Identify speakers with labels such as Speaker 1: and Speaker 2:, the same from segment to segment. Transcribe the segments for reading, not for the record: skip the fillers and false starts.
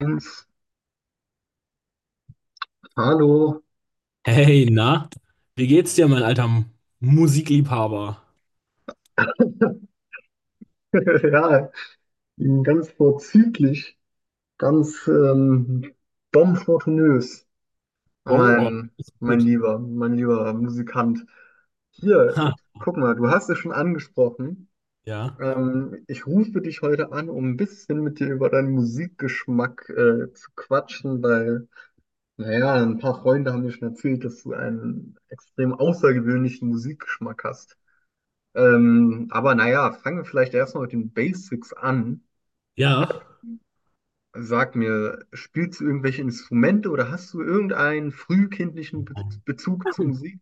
Speaker 1: Jens, hallo.
Speaker 2: Hey, na, wie geht's dir, mein alter Musikliebhaber?
Speaker 1: Ja, ganz vorzüglich, ganz bonfortunös,
Speaker 2: Bon, oh,
Speaker 1: mein,
Speaker 2: ist
Speaker 1: mein
Speaker 2: gut.
Speaker 1: lieber, mein lieber Musikant. Hier,
Speaker 2: Ha,
Speaker 1: guck mal, du hast es schon angesprochen.
Speaker 2: ja,
Speaker 1: Ich rufe dich heute an, um ein bisschen mit dir über deinen Musikgeschmack zu quatschen, weil, naja, ein paar Freunde haben mir schon erzählt, dass du einen extrem außergewöhnlichen Musikgeschmack hast. Aber naja, fangen wir vielleicht erstmal mit den Basics an.
Speaker 2: ja.
Speaker 1: Sag mir, spielst du irgendwelche Instrumente oder hast du irgendeinen frühkindlichen Be Bezug zu Musik?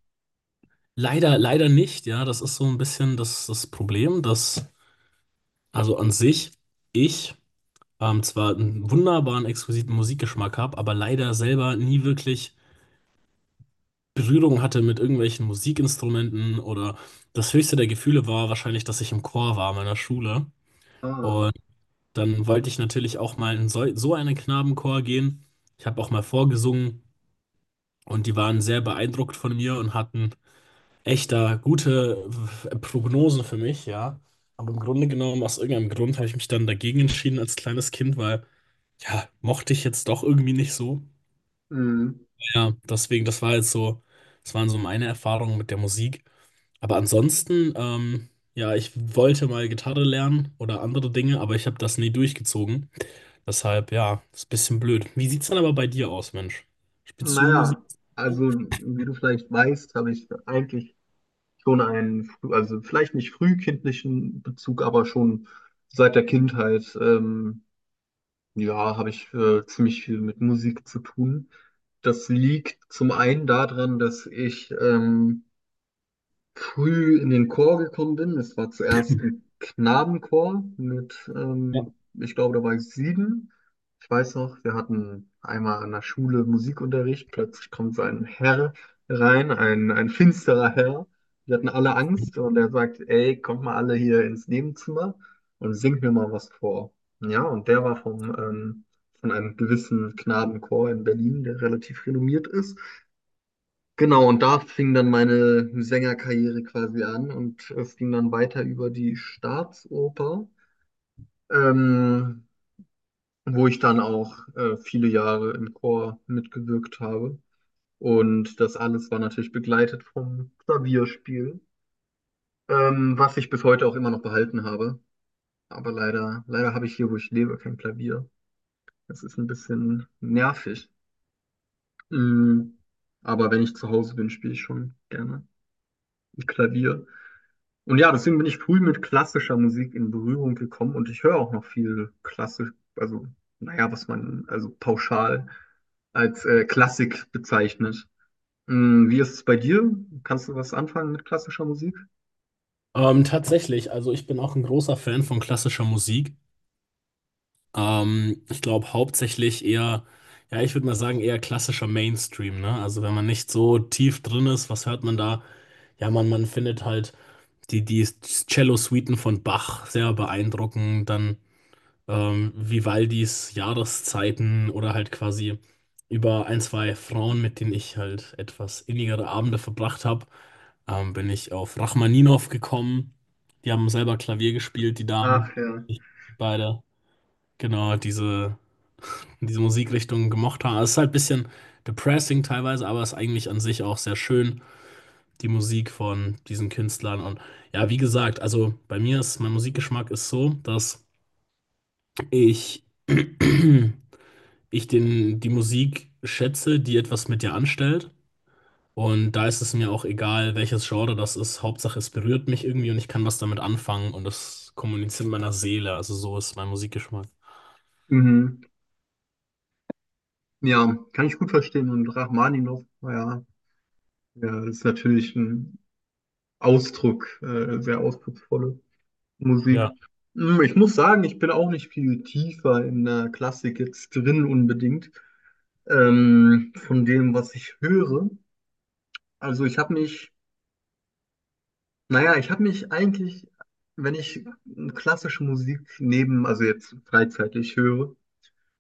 Speaker 2: Leider, leider nicht. Ja, das ist so ein bisschen das Problem, dass also an sich ich zwar einen wunderbaren, exquisiten Musikgeschmack habe, aber leider selber nie wirklich Berührung hatte mit irgendwelchen Musikinstrumenten oder das höchste der Gefühle war wahrscheinlich, dass ich im Chor war meiner Schule.
Speaker 1: Ah,
Speaker 2: Und dann wollte ich natürlich auch mal in so einen Knabenchor gehen. Ich habe auch mal vorgesungen und die waren sehr beeindruckt von mir und hatten echt da gute Prognosen für mich, ja. Aber im Grunde genommen, aus irgendeinem Grund habe ich mich dann dagegen entschieden als kleines Kind, weil, ja, mochte ich jetzt doch irgendwie nicht so.
Speaker 1: hm,
Speaker 2: Ja, deswegen, das war jetzt so, das waren so meine Erfahrungen mit der Musik. Aber ansonsten, ja, ich wollte mal Gitarre lernen oder andere Dinge, aber ich habe das nie durchgezogen. Deshalb, ja, ist ein bisschen blöd. Wie sieht's dann aber bei dir aus, Mensch? Spielst du Musik?
Speaker 1: naja, also wie du vielleicht weißt, habe ich eigentlich schon also vielleicht nicht frühkindlichen Bezug, aber schon seit der Kindheit, ja, habe ich ziemlich viel mit Musik zu tun. Das liegt zum einen daran, dass ich früh in den Chor gekommen bin. Es war zuerst ein Knabenchor mit,
Speaker 2: Ja.
Speaker 1: ich glaube, da war ich 7. Ich weiß noch, wir hatten einmal an der Schule Musikunterricht. Plötzlich kommt so ein Herr rein, ein finsterer Herr. Wir hatten alle Angst und er sagt, ey, kommt mal alle hier ins Nebenzimmer und singt mir mal was vor. Ja, und der war vom, von einem gewissen Knabenchor in Berlin, der relativ renommiert ist. Genau, und da fing dann meine Sängerkarriere quasi an und es ging dann weiter über die Staatsoper, ähm, wo ich dann auch viele Jahre im Chor mitgewirkt habe. Und das alles war natürlich begleitet vom Klavierspiel, was ich bis heute auch immer noch behalten habe. Aber leider, leider habe ich hier, wo ich lebe, kein Klavier. Das ist ein bisschen nervig. Mm. Aber wenn ich zu Hause bin, spiele ich schon gerne Klavier. Und ja, deswegen bin ich früh mit klassischer Musik in Berührung gekommen und ich höre auch noch viel klassisch, also naja, was man also pauschal als Klassik bezeichnet. Mm, wie ist es bei dir? Kannst du was anfangen mit klassischer Musik?
Speaker 2: Tatsächlich, also ich bin auch ein großer Fan von klassischer Musik. Ich glaube hauptsächlich eher, ja, ich würde mal sagen, eher klassischer Mainstream, ne? Also wenn man nicht so tief drin ist, was hört man da? Ja, man findet halt die Cello-Suiten von Bach sehr beeindruckend, dann Vivaldis Jahreszeiten oder halt quasi über ein, zwei Frauen, mit denen ich halt etwas innigere Abende verbracht habe, bin ich auf Rachmaninow gekommen. Die haben selber Klavier gespielt, die Damen.
Speaker 1: Ach ja.
Speaker 2: Ich beide. Genau, diese, diese Musikrichtung gemocht haben. Also es ist halt ein bisschen depressing teilweise, aber ist eigentlich an sich auch sehr schön, die Musik von diesen Künstlern. Und ja, wie gesagt, also bei mir ist mein Musikgeschmack ist so, dass ich ich den, die Musik schätze, die etwas mit dir anstellt. Und da ist es mir auch egal, welches Genre das ist. Hauptsache, es berührt mich irgendwie und ich kann was damit anfangen und das kommuniziert mit meiner Seele. Also so ist mein Musikgeschmack.
Speaker 1: Mhm. Ja, kann ich gut verstehen. Und Rachmaninow, naja, ja, ist natürlich ein Ausdruck, sehr ausdrucksvolle Musik.
Speaker 2: Ja.
Speaker 1: Mm, ich muss sagen, ich bin auch nicht viel tiefer in der Klassik jetzt drin unbedingt. Von dem, was ich höre. Also ich habe mich, naja, ich habe mich eigentlich, wenn ich klassische Musik neben, also jetzt freizeitig höre,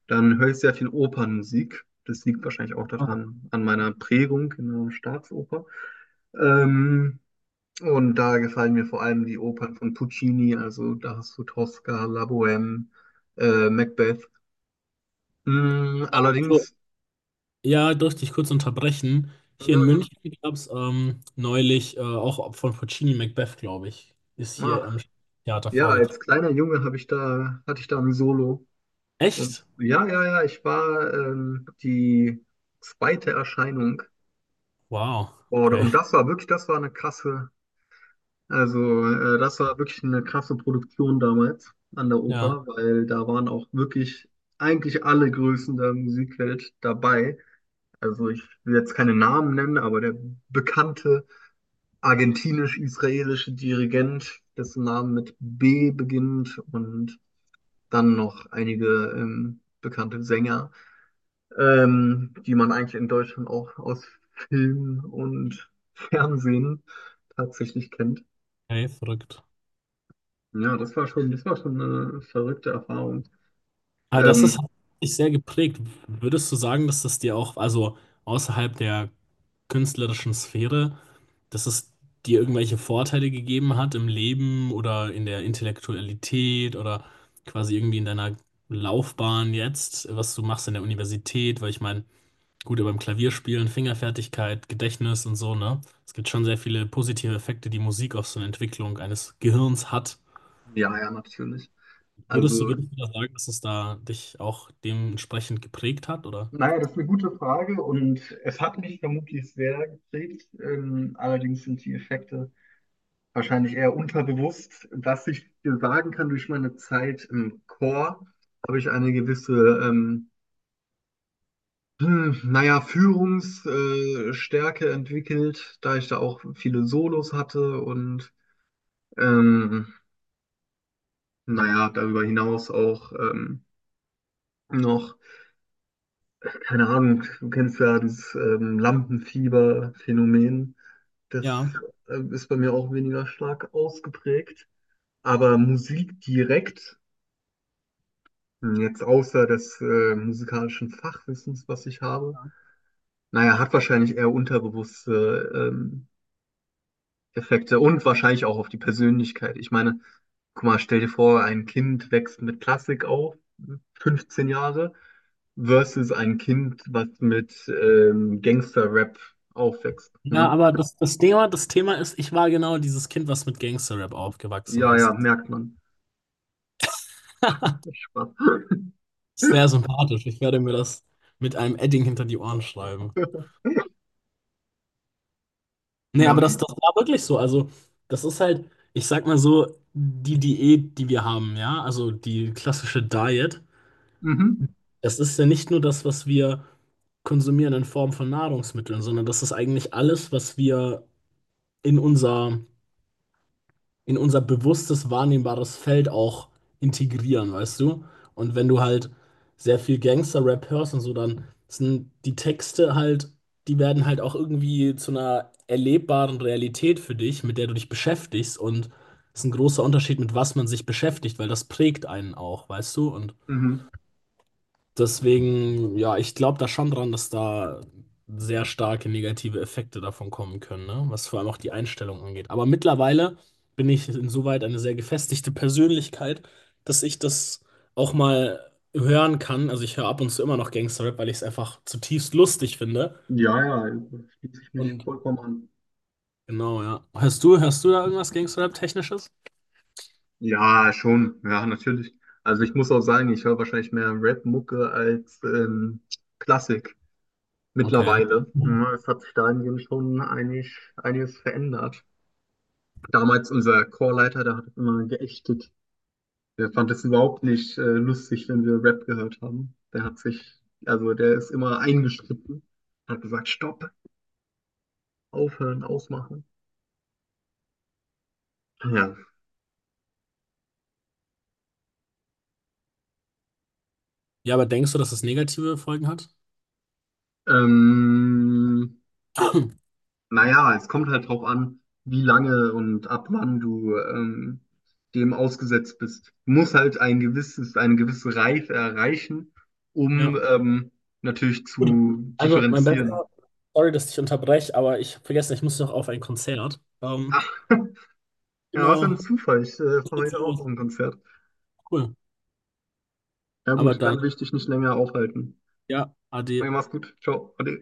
Speaker 1: dann höre ich sehr viel Opernmusik. Das liegt wahrscheinlich auch
Speaker 2: Oh.
Speaker 1: daran, an meiner Prägung in der Staatsoper. Ähm, und da gefallen mir vor allem die Opern von Puccini, also da hast du Tosca, La Bohème, Macbeth. Mm,
Speaker 2: Also,
Speaker 1: allerdings,
Speaker 2: ja, durfte ich kurz unterbrechen.
Speaker 1: ja,
Speaker 2: Hier in
Speaker 1: ja,
Speaker 2: München gab es neulich auch von Puccini Macbeth, glaube ich, ist hier
Speaker 1: ah,
Speaker 2: am Theater
Speaker 1: ja, als
Speaker 2: vorgetragen.
Speaker 1: kleiner Junge hatte ich da ein Solo. Und
Speaker 2: Echt?
Speaker 1: ja, ja, ja, ich war die zweite Erscheinung.
Speaker 2: Wow.
Speaker 1: Und,
Speaker 2: Okay.
Speaker 1: und das war wirklich, das war eine krasse, also das war wirklich eine krasse Produktion damals an der
Speaker 2: Ja,
Speaker 1: Oper, weil da waren auch wirklich eigentlich alle Größen der Musikwelt dabei. Also ich will jetzt keine Namen nennen, aber der bekannte argentinisch-israelische Dirigent, dessen Name mit B beginnt und dann noch einige bekannte Sänger. Die man eigentlich in Deutschland auch aus Film und Fernsehen tatsächlich kennt.
Speaker 2: okay, verrückt.
Speaker 1: Ja, das war schon eine verrückte Erfahrung.
Speaker 2: Aber das ist
Speaker 1: Ähm,
Speaker 2: hat dich sehr geprägt. Würdest du sagen, dass das dir auch, also außerhalb der künstlerischen Sphäre, dass es dir irgendwelche Vorteile gegeben hat im Leben oder in der Intellektualität oder quasi irgendwie in deiner Laufbahn jetzt, was du machst in der Universität? Weil ich meine, gut, beim Klavierspielen, Fingerfertigkeit, Gedächtnis und so, ne? Es gibt schon sehr viele positive Effekte, die Musik auf so eine Entwicklung eines Gehirns hat.
Speaker 1: ja, ja, natürlich.
Speaker 2: Würdest du,
Speaker 1: Also,
Speaker 2: würdest du da sagen, dass es da dich auch dementsprechend geprägt hat, oder?
Speaker 1: naja, das ist eine gute Frage und es hat mich vermutlich sehr geprägt. Allerdings sind die Effekte wahrscheinlich eher unterbewusst. Was ich dir sagen kann, durch meine Zeit im Chor habe ich eine gewisse ähm, hm, naja, Führungsstärke Stärke entwickelt, da ich da auch viele Solos hatte und ähm, naja, darüber hinaus auch noch, keine Ahnung, du kennst ja das Lampenfieber-Phänomen. Das
Speaker 2: Ja.
Speaker 1: ist bei mir auch weniger stark ausgeprägt. Aber Musik direkt, hm, jetzt außer des musikalischen Fachwissens, was ich habe, naja, hat wahrscheinlich eher unterbewusste Effekte und wahrscheinlich auch auf die Persönlichkeit. Ich meine, guck mal, stell dir vor, ein Kind wächst mit Klassik auf, 15 Jahre, versus ein Kind, was mit Gangster-Rap aufwächst.
Speaker 2: Ja,
Speaker 1: Ne?
Speaker 2: aber das Thema, das Thema ist, ich war genau dieses Kind, was mit Gangster-Rap aufgewachsen
Speaker 1: Ja, ja,
Speaker 2: ist.
Speaker 1: merkt man. Spaß.
Speaker 2: Sehr sympathisch. Ich werde mir das mit einem Edding hinter die Ohren schreiben. Nee,
Speaker 1: Ja,
Speaker 2: aber das,
Speaker 1: ne?
Speaker 2: das war wirklich so. Also, das ist halt, ich sag mal so, die Diät, die wir haben, ja, also die klassische Diet,
Speaker 1: Mhm.
Speaker 2: das ist ja nicht nur das, was wir konsumieren in Form von Nahrungsmitteln, sondern das ist eigentlich alles, was wir in unser in unser bewusstes, wahrnehmbares Feld auch integrieren, weißt du? Und wenn du halt sehr viel Gangster-Rap hörst und so, dann sind die Texte halt, die werden halt auch irgendwie zu einer erlebbaren Realität für dich, mit der du dich beschäftigst. Und es ist ein großer Unterschied, mit was man sich beschäftigt, weil das prägt einen auch, weißt du? Und
Speaker 1: Mhm.
Speaker 2: deswegen, ja, ich glaube da schon dran, dass da sehr starke negative Effekte davon kommen können, ne? Was vor allem auch die Einstellung angeht. Aber mittlerweile bin ich insoweit eine sehr gefestigte Persönlichkeit, dass ich das auch mal hören kann. Also ich höre ab und zu immer noch Gangsterrap, weil ich es einfach zutiefst lustig finde.
Speaker 1: Ja, ja, schließe ich mich
Speaker 2: Und
Speaker 1: vollkommen an.
Speaker 2: genau, ja. Hörst du da irgendwas Gangsterrap-Technisches?
Speaker 1: Ja, schon. Ja, natürlich. Also ich muss auch sagen, ich höre wahrscheinlich mehr Rap-Mucke als Klassik.
Speaker 2: Okay.
Speaker 1: Mittlerweile. Ja, es hat sich dahingehend schon einig, einiges verändert. Damals unser Chorleiter, der hat es immer geächtet. Der fand es überhaupt nicht lustig, wenn wir Rap gehört haben. Der hat sich, also der ist immer eingeschritten, hat gesagt, Stopp, aufhören, ausmachen. Ja.
Speaker 2: Ja, aber denkst du, dass es negative Folgen hat?
Speaker 1: Ähm, Naja, es kommt halt drauf an, wie lange und ab wann du dem ausgesetzt bist. Du musst halt ein gewisses, eine gewisse Reife erreichen, um
Speaker 2: Ja.
Speaker 1: natürlich
Speaker 2: Gut.
Speaker 1: zu
Speaker 2: Also mein Bester.
Speaker 1: differenzieren.
Speaker 2: Sorry, dass ich unterbreche, aber ich habe vergessen, ich muss noch auf ein Konzert.
Speaker 1: Ach, ja, was ein
Speaker 2: Genau.
Speaker 1: Zufall. Ich
Speaker 2: Das
Speaker 1: fahr
Speaker 2: wird
Speaker 1: heute auch auf
Speaker 2: so
Speaker 1: ein Konzert.
Speaker 2: cool.
Speaker 1: Ja
Speaker 2: Aber
Speaker 1: gut,
Speaker 2: dann,
Speaker 1: dann will ich dich nicht länger aufhalten.
Speaker 2: ja,
Speaker 1: Okay,
Speaker 2: ade.
Speaker 1: mach's gut. Ciao. Ade.